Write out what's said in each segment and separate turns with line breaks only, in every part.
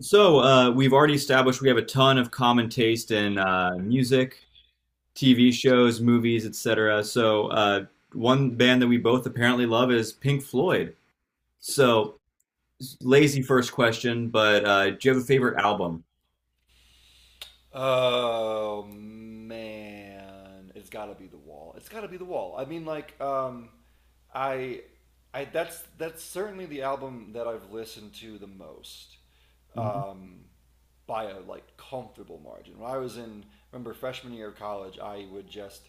We've already established we have a ton of common taste in music, TV shows, movies, etc. One band that we both apparently love is Pink Floyd. So lazy first question, but do you have a favorite album?
Oh man, it's got to be the wall. It's got to be the wall. I mean, like, I, I that's certainly the album that I've listened to the most,
Mhm.
um, by a like comfortable margin. When I was in, remember freshman year of college, I would just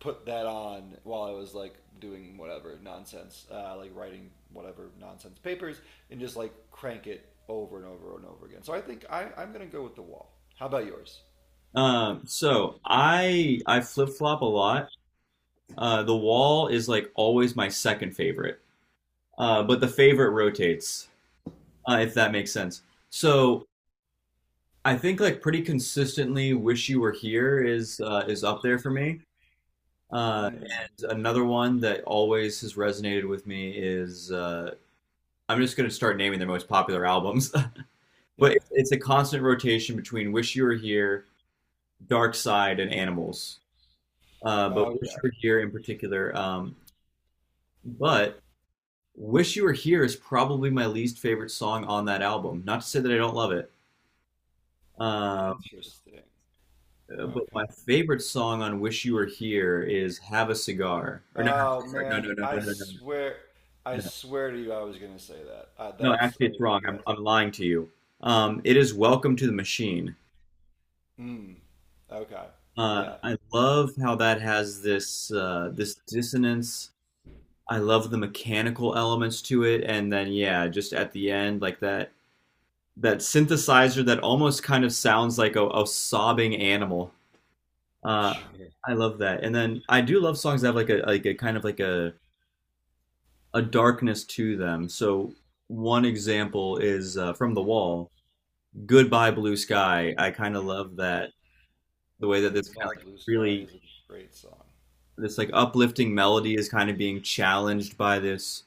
put that on while I was like doing whatever nonsense, like writing whatever nonsense papers, and just like crank it over and over and over again. So I think I'm gonna go with the wall. How about yours?
So I flip flop a lot. The Wall is like always my second favorite, but the favorite rotates, if that makes sense. So I think like pretty consistently "Wish You Were Here" is up there for me.
Mm,
And another one that always has resonated with me is I'm just going to start naming their most popular albums, but
yeah.
it's a constant rotation between "Wish You Were Here," "Dark Side," and "Animals." But "Wish
Okay.
You Were Here" in particular. But "Wish You Were Here" is probably my least favorite song on that album. Not to say that I don't love it. Uh,
Interesting.
But my
Okay.
favorite song on "Wish You Were Here" is "Have a Cigar." Or no,
Oh
no, no,
man,
no, no, no, no, no,
I
no.
swear to you, I was gonna say that.
No,
That's
actually, it's
like
wrong. I'm,
yes.
I'm lying to you. It is "Welcome to the Machine."
Mm, okay. Yeah.
I love how that has this this dissonance. I love the mechanical elements to it, and then yeah, just at the end, like that synthesizer that almost kind of sounds like a sobbing animal. Uh,
Sure.
I love that, and then I do love songs that have like a kind of like a darkness to them. So one example is from The Wall, "Goodbye Blue Sky." I kind of love that the way that this kind
Goodbye,
of like
Blue Sky
really
is a great song.
this like uplifting melody is kind of being challenged by this.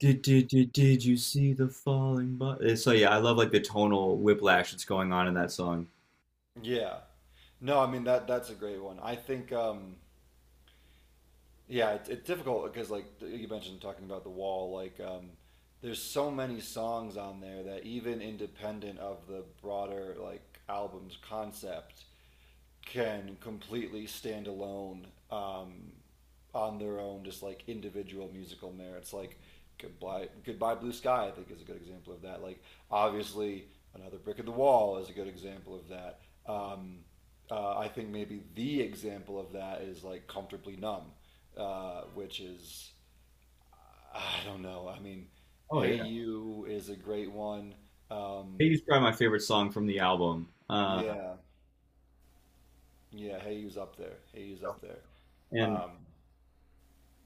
Did you see the falling? So yeah, I love like the tonal whiplash that's going on in that song.
Yeah. No, I mean that's a great one. I think yeah, it's difficult because like you mentioned talking about The Wall, like there's so many songs on there that, even independent of the broader like album's concept, can completely stand alone on their own, just like individual musical merits. Like goodbye Blue Sky, I think is a good example of that. Like obviously, another brick in the wall is a good example of that. Um, I think maybe the example of that is like comfortably numb, which is I don't know. I mean,
Oh
Hey
yeah,
You is a great one. Um,
Hey probably my favorite song from the album.
yeah, yeah. Hey You's up there. Hey You's up there.
And
Um,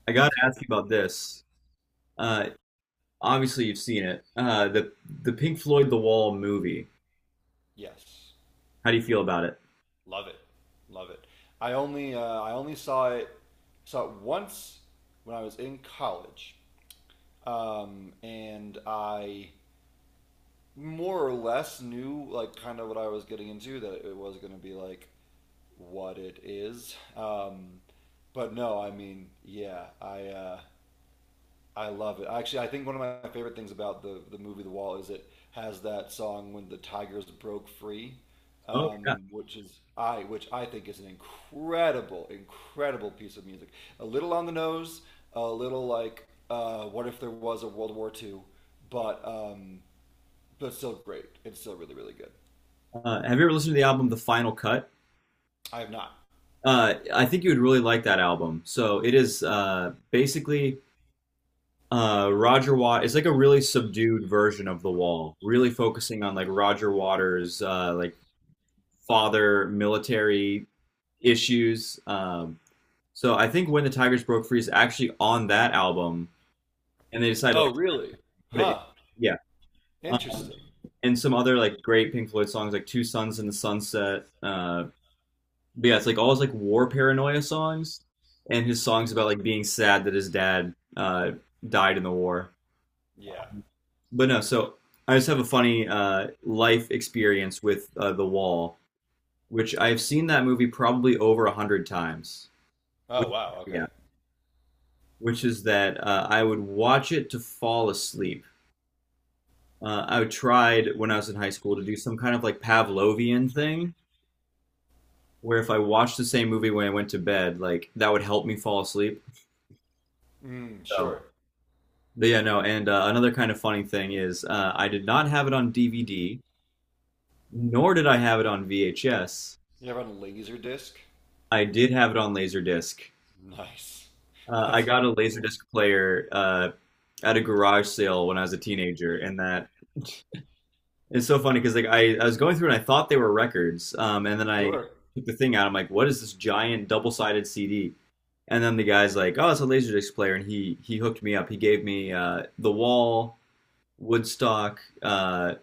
I
no,
gotta
it's great.
ask you about this. Uh, Obviously, you've seen it. The Pink Floyd The Wall movie.
Yes,
How do you feel about it?
love it, love it. I only saw it once when I was in college, and I more or less knew like kind of what I was getting into, that it was going to be like what it is. But no, I mean, yeah, I love it. Actually, I think one of my favorite things about the movie The Wall is it has that song when the tigers broke free,
Oh yeah.
which I think is an incredible, incredible piece of music. A little on the nose, a little like what if there was a World War II, but um, but still great. It's still really really good.
Have you ever listened to the album The Final Cut?
I have not.
I think you would really like that album. So it is basically Roger Watt. It's like a really subdued version of The Wall, really focusing on like Roger Waters' like father military issues. So I think when the Tigers broke free is actually on that album, and they decided to like
Oh really?
put it in.
Huh.
Yeah, uh,
Interesting.
and some other like great Pink Floyd songs like Two Suns in the Sunset, but yeah, it's like all his like war paranoia songs and his songs about like being sad that his dad died in the war.
Yeah.
But no, so I just have a funny life experience with The Wall, which I've seen that movie probably over a hundred times. Which,
Oh wow. Okay.
yeah, which is that I would watch it to fall asleep. I tried when I was in high school to do some kind of like Pavlovian thing where if I watched the same movie when I went to bed, like that would help me fall asleep.
Mm,
So
sure.
but yeah, no, and another kind of funny thing is I did not have it on DVD, nor did I have it on VHS.
You ever on a laser disc?
I did have it on Laserdisc.
Nice.
I
That's
got a
incredible.
Laserdisc player at a garage sale when I was a teenager, and that it's so funny because like I was going through and I thought they were records, and then I
Sure.
took the thing out. I'm like, what is this giant double-sided CD? And then the guy's like, oh, it's a Laserdisc player, and he hooked me up. He gave me The Wall, Woodstock,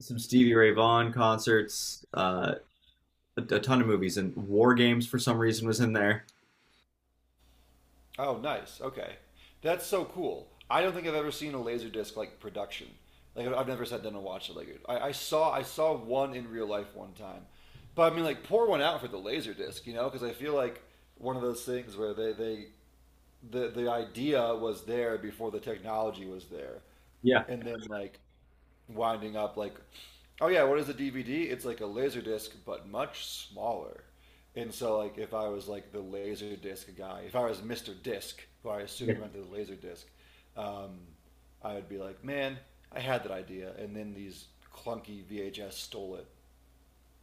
some Stevie Ray Vaughan concerts, a ton of movies, and War Games for some reason was in there.
Oh, nice. Okay. That's so cool. I don't think I've ever seen a laser disc like production. Like I've never sat down and watched it. Like I saw one in real life one time, but I mean like pour one out for the laser disc, you know? Because I feel like one of those things where they the idea was there before the technology was there,
Yeah,
and then like winding up like, oh yeah, what is a DVD? It's like a laser disc, but much smaller. And so like if I was like the laser disc guy, if I was Mister Disc, who I assume
yeah.
invented the laser disc, um, I would be like, man, I had that idea, and then these clunky VHS stole it.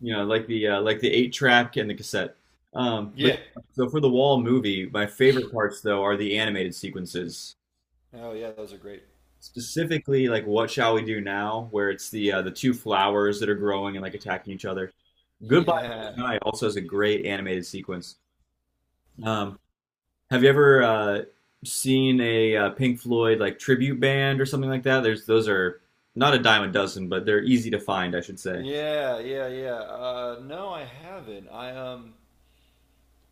You know, like the eight track and the cassette. But
Yeah.
yeah, so for the Wall movie, my favorite parts though are the animated sequences,
Oh yeah, those are great.
specifically like "What Shall We Do Now," where it's the two flowers that are growing and like attacking each other. "Goodbye Blue
Yeah.
Sky" also has a great animated sequence. Um, Have you ever seen a Pink Floyd like tribute band or something like that? There's those are not a dime a dozen, but they're easy to find, I should say.
Yeah, yeah, yeah. No, I haven't.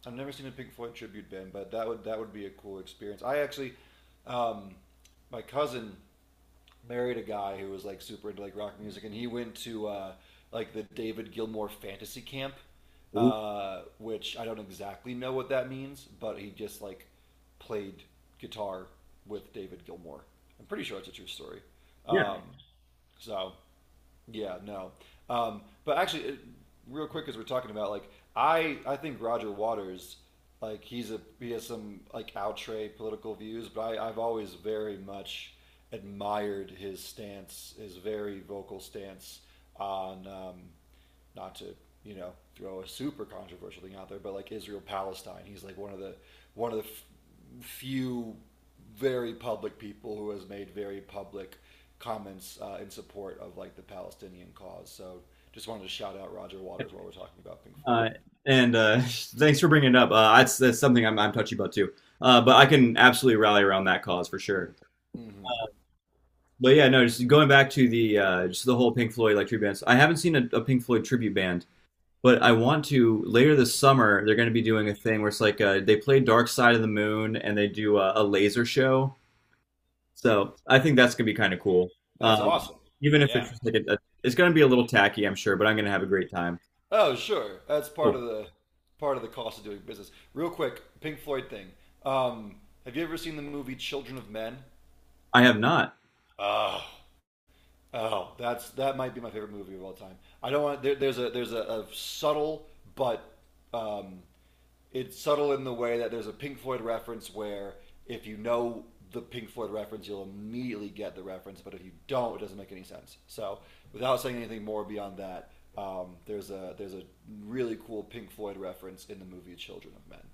I've never seen a Pink Floyd tribute band, but that would be a cool experience. I actually, um, my cousin married a guy who was like super into like rock music, and he went to like the David Gilmour Fantasy Camp,
Ooh.
which I don't exactly know what that means, but he just like played guitar with David Gilmour. I'm pretty sure it's a true story.
Yeah.
Um, so yeah, no. Um, but actually, it, real quick, as we're talking about, like I think Roger Waters, like he has some like outre political views, but I've always very much admired his stance, his very vocal stance on not to you know throw a super controversial thing out there, but like Israel Palestine, he's like one of the few very public people who has made very public comments in support of like the Palestinian cause. So just wanted to shout out Roger Waters while we're talking about Pink Floyd.
Uh, and thanks for bringing it up. That's that's something I'm touchy about too. But I can absolutely rally around that cause for sure.
Hmm.
But yeah, no, just going back to the just the whole Pink Floyd like tribute bands. I haven't seen a Pink Floyd tribute band, but I want to later this summer. They're going to be doing a thing where it's like they play Dark Side of the Moon and they do a laser show. So I think that's gonna be kind of cool.
That's
Um,
awesome.
Even if
Yeah.
it's just like a, it's gonna be a little tacky, I'm sure, but I'm gonna have a great time.
Oh sure, that's
Oh,
part of the cost of doing business. Real quick, Pink Floyd thing. Um, have you ever seen the movie Children of Men?
I have not.
Oh, Oh, that's that might be my favorite movie of all time. I don't want a subtle but um, it's subtle in the way that there's a Pink Floyd reference where if you know the Pink Floyd reference, you'll immediately get the reference, but if you don't, it doesn't make any sense. So without saying anything more beyond that, there's a really cool Pink Floyd reference in the movie Children of Men.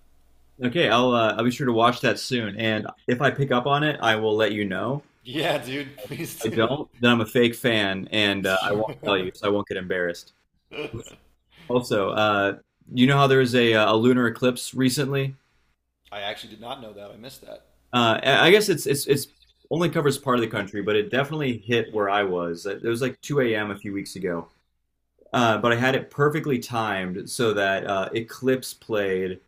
Okay, I'll be sure to watch that soon, and if I pick up on it, I will let you know.
Yeah, dude, please
If I
do.
don't, then I'm a fake fan, and I won't tell you, so I won't get embarrassed. Also, you know how there was a lunar eclipse recently?
I actually did not know that. I missed that.
I guess it's only covers part of the country, but it definitely hit where I was. It was like 2 a.m. a few weeks ago. But I had it perfectly timed so that Eclipse played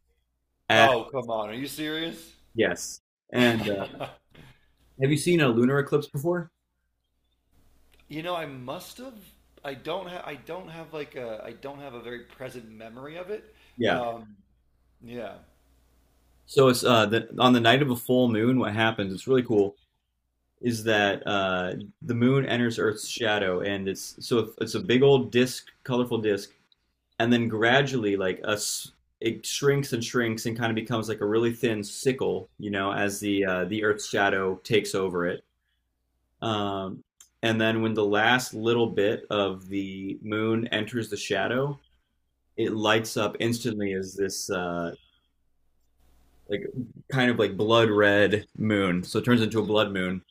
at.
Oh, come on. Are you serious?
Yes. And have you seen a lunar eclipse before?
You know, I must have. I don't have like a. I don't have a very present memory of it.
Yeah.
Um, yeah,
So it's on the night of a full moon. What happens? It's really cool. Is that the moon enters Earth's shadow, and it's so it's a big old disc, colorful disc, and then gradually, like us, it shrinks and shrinks and kind of becomes like a really thin sickle, you know, as the Earth's shadow takes over it. Um, and then when the last little bit of the moon enters the shadow, it lights up instantly as this like kind of like blood red moon. So it turns into a blood moon.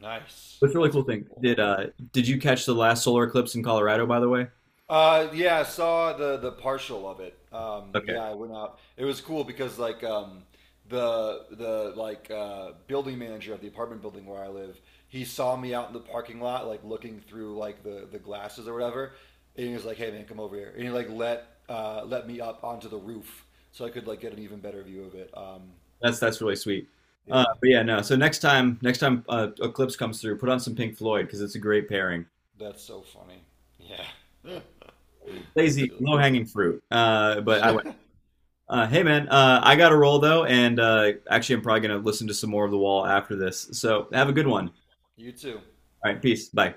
nice.
But it's a really
That's
cool
pretty
thing.
cool.
Did you catch the last solar eclipse in Colorado by the way?
Yeah, I saw the partial of it.
Okay.
Yeah, I went out. It was cool because like the like building manager of the apartment building where I live, he saw me out in the parking lot, like looking through like the glasses or whatever, and he was like, "Hey man, come over here," and he like let me up onto the roof so I could like get an even better view of it.
That's really sweet.
Yeah,
But yeah, no. So next time eclipse comes through, put on some Pink Floyd because it's a great pairing.
that's so funny. Yeah, that's
Lazy,
really
low
good.
hanging fruit. But I hey man, I got to roll though, and actually, I'm probably gonna listen to some more of The Wall after this. So have a good one.
You too.
All right, peace. Bye.